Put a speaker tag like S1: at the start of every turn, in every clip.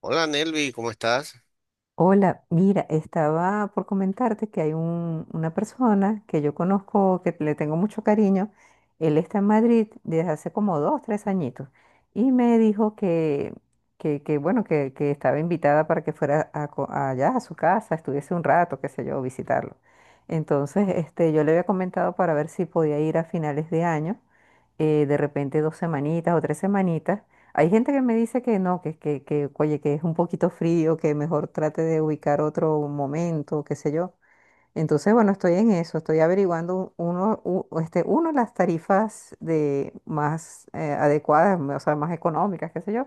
S1: Hola, Nelvi, ¿cómo estás?
S2: Hola, mira, estaba por comentarte que hay una persona que yo conozco, que le tengo mucho cariño. Él está en Madrid desde hace como dos, tres añitos y me dijo bueno, que estaba invitada para que fuera a allá a su casa, estuviese un rato, qué sé yo, visitarlo. Entonces, este, yo le había comentado para ver si podía ir a finales de año, de repente dos semanitas o tres semanitas. Hay gente que me dice que no, oye, que es un poquito frío, que mejor trate de ubicar otro momento, qué sé yo. Entonces, bueno, estoy en eso, estoy averiguando uno, las tarifas de más adecuadas, o sea, más económicas, qué sé yo.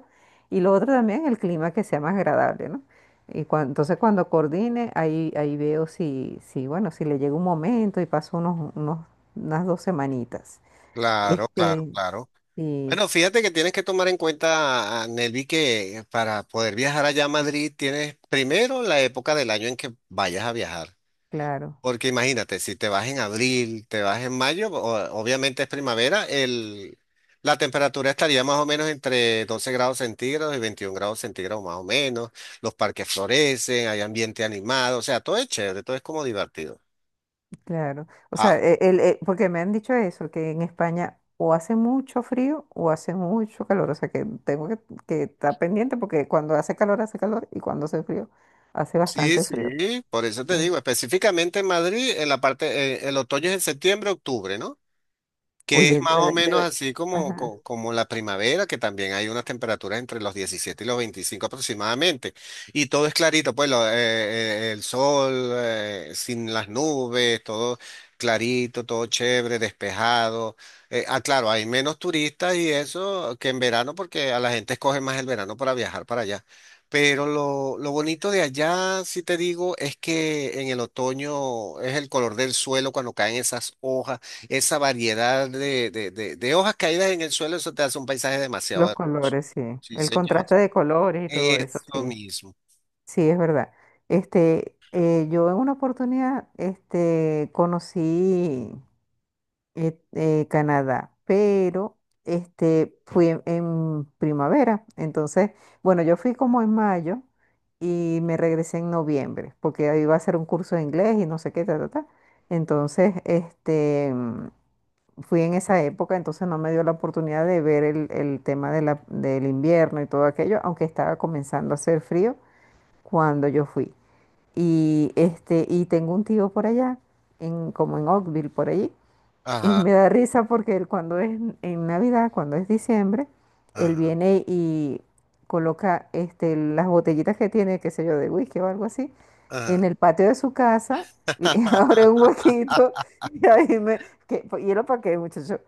S2: Y lo otro también, el clima que sea más agradable, ¿no? Y entonces cuando coordine, ahí veo si, bueno, si le llega un momento y paso unas dos semanitas.
S1: Claro, claro,
S2: Este,
S1: claro.
S2: sí,
S1: Bueno, fíjate que tienes que tomar en cuenta, a Nelvi, que para poder viajar allá a Madrid tienes primero la época del año en que vayas a viajar.
S2: claro.
S1: Porque imagínate, si te vas en abril, te vas en mayo, obviamente es primavera, la temperatura estaría más o menos entre 12 grados centígrados y 21 grados centígrados, más o menos. Los parques florecen, hay ambiente animado, o sea, todo es chévere, todo es como divertido.
S2: Claro, o sea,
S1: Ah.
S2: porque me han dicho eso, que en España o hace mucho frío o hace mucho calor, o sea que tengo que estar pendiente porque cuando hace calor y cuando hace frío hace
S1: Sí,
S2: bastante frío.
S1: sí, por eso te
S2: Eh,
S1: digo, específicamente en Madrid, en la parte, el otoño es en septiembre, octubre, ¿no? Que es
S2: Oye, de
S1: más o
S2: verdad,
S1: menos así como,
S2: ajá,
S1: como la primavera, que también hay unas temperaturas entre los 17 y los 25 aproximadamente. Y todo es clarito, pues el sol, sin las nubes, todo clarito, todo chévere, despejado. Ah, claro, hay menos turistas y eso que en verano, porque a la gente escoge más el verano para viajar para allá. Pero lo bonito de allá, si te digo, es que en el otoño es el color del suelo cuando caen esas hojas, esa variedad de de hojas caídas en el suelo, eso te hace un paisaje demasiado
S2: los
S1: hermoso.
S2: colores, sí,
S1: Sí,
S2: el
S1: señor.
S2: contraste de colores y todo eso,
S1: Eso
S2: sí,
S1: mismo.
S2: sí, es verdad. Este, yo en una oportunidad, este, conocí Canadá, pero este, fui en primavera. Entonces, bueno, yo fui como en mayo y me regresé en noviembre, porque ahí iba a hacer un curso de inglés y no sé qué, ta, ta, ta. Entonces, este, fui en esa época, entonces no me dio la oportunidad de ver el tema de del invierno y todo aquello, aunque estaba comenzando a hacer frío cuando yo fui. Y, este, y tengo un tío por allá, en, como en Oakville, por allí. Y
S1: Ajá,
S2: me da risa porque él cuando es en Navidad, cuando es diciembre, él
S1: ajá,
S2: viene y coloca este, las botellitas que tiene, qué sé yo, de whisky o algo así,
S1: ajá.
S2: en el patio de su casa, y abre un huequito y ahí me... Que, ¿y lo para qué, muchacho?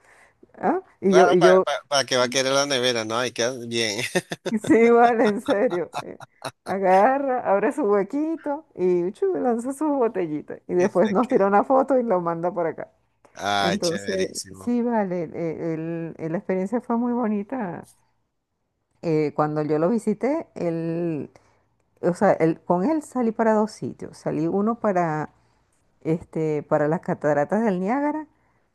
S2: ¿Ah?
S1: Claro, para, que va a querer la nevera, ¿no? Hay, que bien.
S2: Sí, vale, en serio. Agarra, abre su huequito y chu, lanza sus botellitas. Y después
S1: Dice
S2: nos tira
S1: que...
S2: una foto y lo manda por acá.
S1: Ay,
S2: Entonces,
S1: chéverísimo.
S2: sí, vale, la experiencia fue muy bonita. Cuando yo lo visité, él, o sea, con él salí para dos sitios. Salí uno para, este, para las cataratas del Niágara,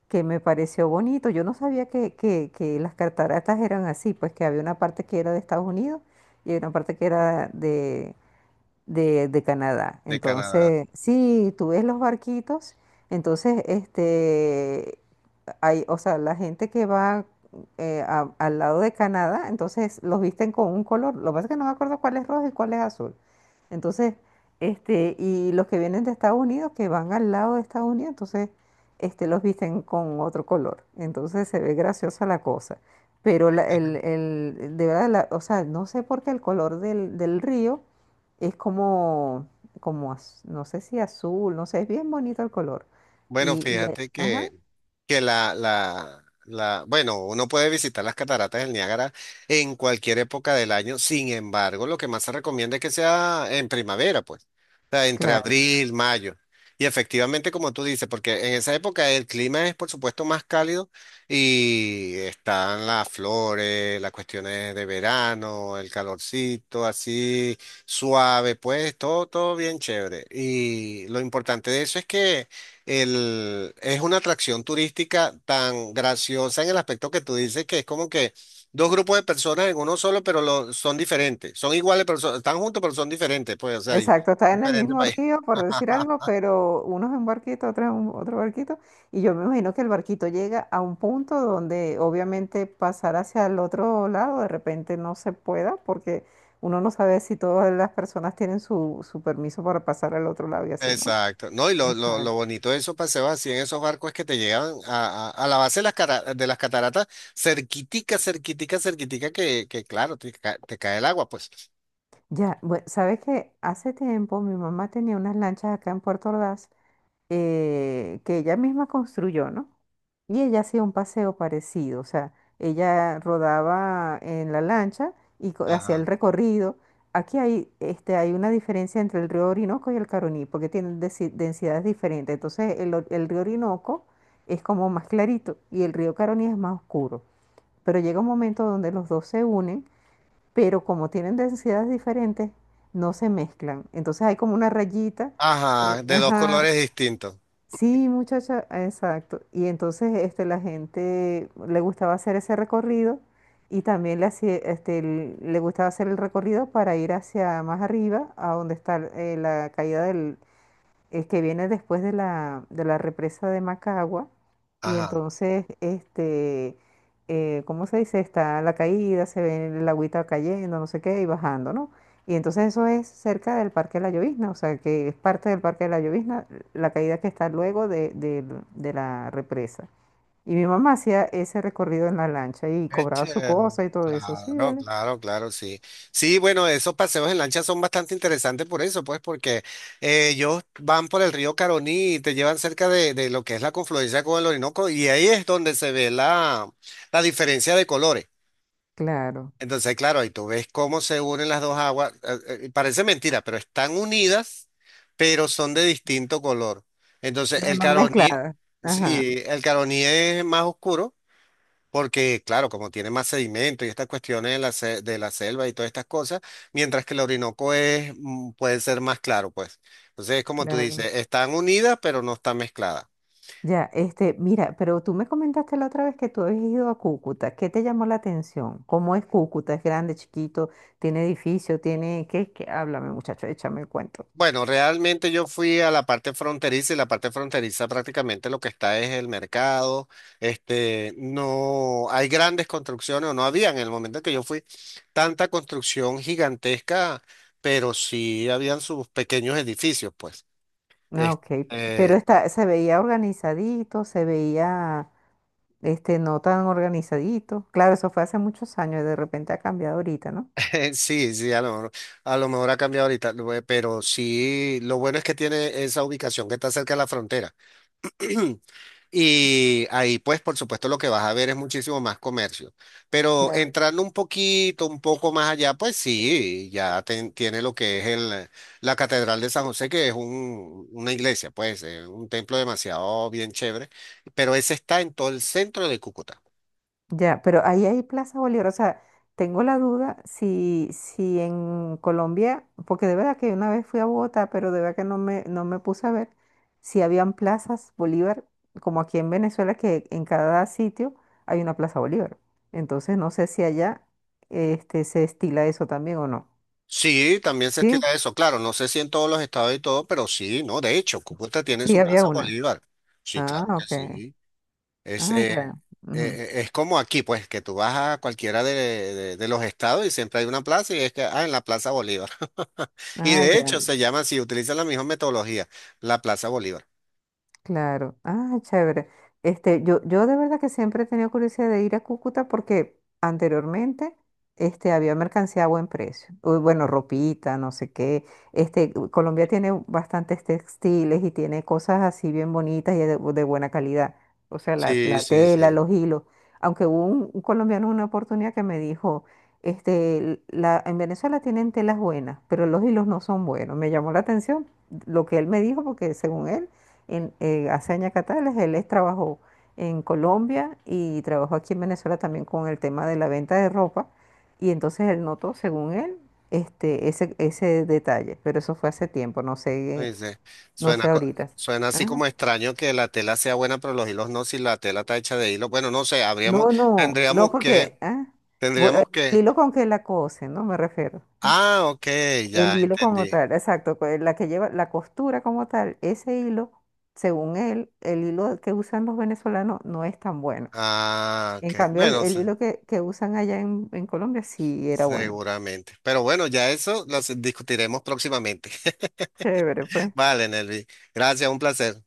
S2: que me pareció bonito. Yo no sabía que las cataratas eran así, pues que había una parte que era de Estados Unidos y había una parte que era de Canadá.
S1: De Canadá.
S2: Entonces, sí, tú ves los barquitos. Entonces, este, hay, o sea, la gente que va al lado de Canadá, entonces los visten con un color. Lo que pasa es que no me acuerdo cuál es rojo y cuál es azul. Entonces, este, y los que vienen de Estados Unidos, que van al lado de Estados Unidos, entonces, este, los visten con otro color. Entonces se ve graciosa la cosa. Pero de verdad, o sea, no sé por qué el color del río es como, como, no sé si azul, no sé, es bien bonito el color.
S1: Bueno,
S2: Y, y,
S1: fíjate
S2: ajá,
S1: que, bueno, uno puede visitar las cataratas del Niágara en cualquier época del año. Sin embargo, lo que más se recomienda es que sea en primavera, pues, o sea, entre
S2: claro.
S1: abril, mayo. Y efectivamente, como tú dices, porque en esa época el clima es, por supuesto, más cálido y están las flores, las cuestiones de verano, el calorcito, así suave, pues, todo, todo bien chévere. Y lo importante de eso es que es una atracción turística tan graciosa en el aspecto que tú dices, que es como que dos grupos de personas en uno solo, pero son diferentes. Son iguales, pero están juntos, pero son diferentes, pues, o sea, y...
S2: Exacto, está en el
S1: diferentes
S2: mismo
S1: países.
S2: río, por decir algo, pero uno es en un barquito, otro es en otro barquito, y yo me imagino que el barquito llega a un punto donde obviamente pasar hacia el otro lado de repente no se pueda, porque uno no sabe si todas las personas tienen su permiso para pasar al otro lado y así, ¿no?
S1: Exacto. No, y lo, lo,
S2: Exacto.
S1: lo bonito de esos paseos así en esos barcos es que te llegan a, a la base de las, de las cataratas, cerquitica, cerquitica, cerquitica, que claro, te cae el agua, pues.
S2: Ya, bueno, sabes que hace tiempo mi mamá tenía unas lanchas acá en Puerto Ordaz, que ella misma construyó, ¿no? Y ella hacía un paseo parecido, o sea, ella rodaba en la lancha y hacía
S1: Ajá.
S2: el recorrido. Aquí hay, este, hay una diferencia entre el río Orinoco y el Caroní, porque tienen densidades diferentes. Entonces, el río Orinoco es como más clarito y el río Caroní es más oscuro. Pero llega un momento donde los dos se unen, pero como tienen densidades diferentes, no se mezclan. Entonces, hay como una rayita.
S1: Ajá, de dos
S2: Ajá,
S1: colores distintos.
S2: sí, muchacha, exacto. Y entonces este, la gente le gustaba hacer ese recorrido y también le, hacía, este, le gustaba hacer el recorrido para ir hacia más arriba, a donde está la caída, el que viene después de de la represa de Macagua. Y
S1: Ajá.
S2: entonces, este, ¿cómo se dice? Está la caída, se ve el agüita cayendo, no sé qué, y bajando, ¿no? Y entonces eso es cerca del Parque de la Llovizna, o sea, que es parte del Parque de la Llovizna, la caída que está luego de la represa. Y mi mamá hacía ese recorrido en la lancha y
S1: Eche.
S2: cobraba su cosa y todo eso, sí,
S1: Claro,
S2: ¿vale?
S1: claro, claro, sí. Sí, bueno, esos paseos en lancha son bastante interesantes por eso, pues, porque ellos van por el río Caroní y te llevan cerca de lo que es la confluencia con el Orinoco, y ahí es donde se ve la diferencia de colores.
S2: Claro,
S1: Entonces, claro, ahí tú ves cómo se unen las dos aguas. Parece mentira, pero están unidas, pero son de distinto color. Entonces,
S2: pero
S1: el
S2: no
S1: Caroní,
S2: mezclada. Ajá,
S1: sí, el Caroní es más oscuro porque, claro, como tiene más sedimento y estas cuestiones de de la selva y todas estas cosas, mientras que el Orinoco es, puede ser más claro, pues. Entonces, como tú
S2: claro.
S1: dices, están unidas, pero no están mezcladas.
S2: Ya, este, mira, pero tú me comentaste la otra vez que tú habías ido a Cúcuta. ¿Qué te llamó la atención? ¿Cómo es Cúcuta? ¿Es grande, chiquito? ¿Tiene edificio? ¿Tiene qué? ¿Qué? Háblame, muchacho, échame el cuento.
S1: Bueno, realmente yo fui a la parte fronteriza, y la parte fronteriza prácticamente lo que está es el mercado. Este, no hay grandes construcciones, o no había en el momento en que yo fui tanta construcción gigantesca, pero sí habían sus pequeños edificios, pues.
S2: Ah,
S1: Este,
S2: ok. Pero está, se veía organizadito, se veía, este, no tan organizadito. Claro, eso fue hace muchos años y de repente ha cambiado ahorita, ¿no?
S1: sí, sí, a lo mejor ha cambiado ahorita, pero sí, lo bueno es que tiene esa ubicación que está cerca de la frontera. Y ahí, pues, por supuesto, lo que vas a ver es muchísimo más comercio. Pero entrando un poquito, un poco más allá, pues sí, ya tiene lo que es la Catedral de San José, que es un, una iglesia, pues, un templo demasiado bien chévere, pero ese está en todo el centro de Cúcuta.
S2: Ya, pero ahí hay Plaza Bolívar. O sea, tengo la duda si, si en Colombia, porque de verdad que una vez fui a Bogotá, pero de verdad que no me puse a ver si habían plazas Bolívar, como aquí en Venezuela, que en cada sitio hay una Plaza Bolívar. Entonces no sé si allá este, se estila eso también o no.
S1: Sí, también se
S2: ¿Sí?
S1: estila eso, claro, no sé si en todos los estados y todo, pero sí, no, de hecho, Cúcuta tiene
S2: Sí,
S1: su
S2: había
S1: Plaza
S2: una.
S1: Bolívar. Sí,
S2: Ah,
S1: claro que
S2: ok.
S1: sí. Es,
S2: Ah,
S1: eh, eh,
S2: ya. Ujú.
S1: es como aquí, pues, que tú vas a cualquiera de, de los estados y siempre hay una plaza, y es que, ah, en la Plaza Bolívar. Y
S2: Ah,
S1: de
S2: ya.
S1: hecho se llama así, utilizan la misma metodología, la Plaza Bolívar.
S2: Claro, ah, chévere. Este, yo de verdad que siempre he tenido curiosidad de ir a Cúcuta porque anteriormente este, había mercancía a buen precio. Uy, bueno, ropita, no sé qué. Este, Colombia tiene bastantes textiles y tiene cosas así bien bonitas y de buena calidad. O sea,
S1: Sí,
S2: la
S1: sí,
S2: tela,
S1: sí.
S2: los hilos. Aunque hubo un colombiano en una oportunidad que me dijo, este, en Venezuela tienen telas buenas, pero los hilos no son buenos. Me llamó la atención lo que él me dijo porque según él en, hace años Catales, él trabajó en Colombia y trabajó aquí en Venezuela también con el tema de la venta de ropa. Y entonces él notó, según él, este, ese detalle. Pero eso fue hace tiempo, no sé,
S1: Ay, sí.
S2: no
S1: Suena,
S2: sé
S1: co-
S2: ahorita.
S1: suena así
S2: Ah,
S1: como extraño que la tela sea buena, pero los hilos no, si la tela está hecha de hilo. Bueno, no sé, habríamos,
S2: no, no, no,
S1: tendríamos que...
S2: porque ah, voy- eh,
S1: Tendríamos
S2: el
S1: que...
S2: hilo con que la cose, ¿no? Me refiero.
S1: Ah, ok, ya
S2: El hilo como
S1: entendí.
S2: tal, exacto, la que lleva la costura como tal, ese hilo, según él, el hilo que usan los venezolanos no es tan bueno.
S1: Ah,
S2: En
S1: ok.
S2: cambio,
S1: Bueno,
S2: el hilo que usan allá en Colombia sí era bueno.
S1: seguramente. Pero bueno, ya eso lo discutiremos próximamente.
S2: Chévere, pues.
S1: Vale, Nelvi. Gracias, un placer.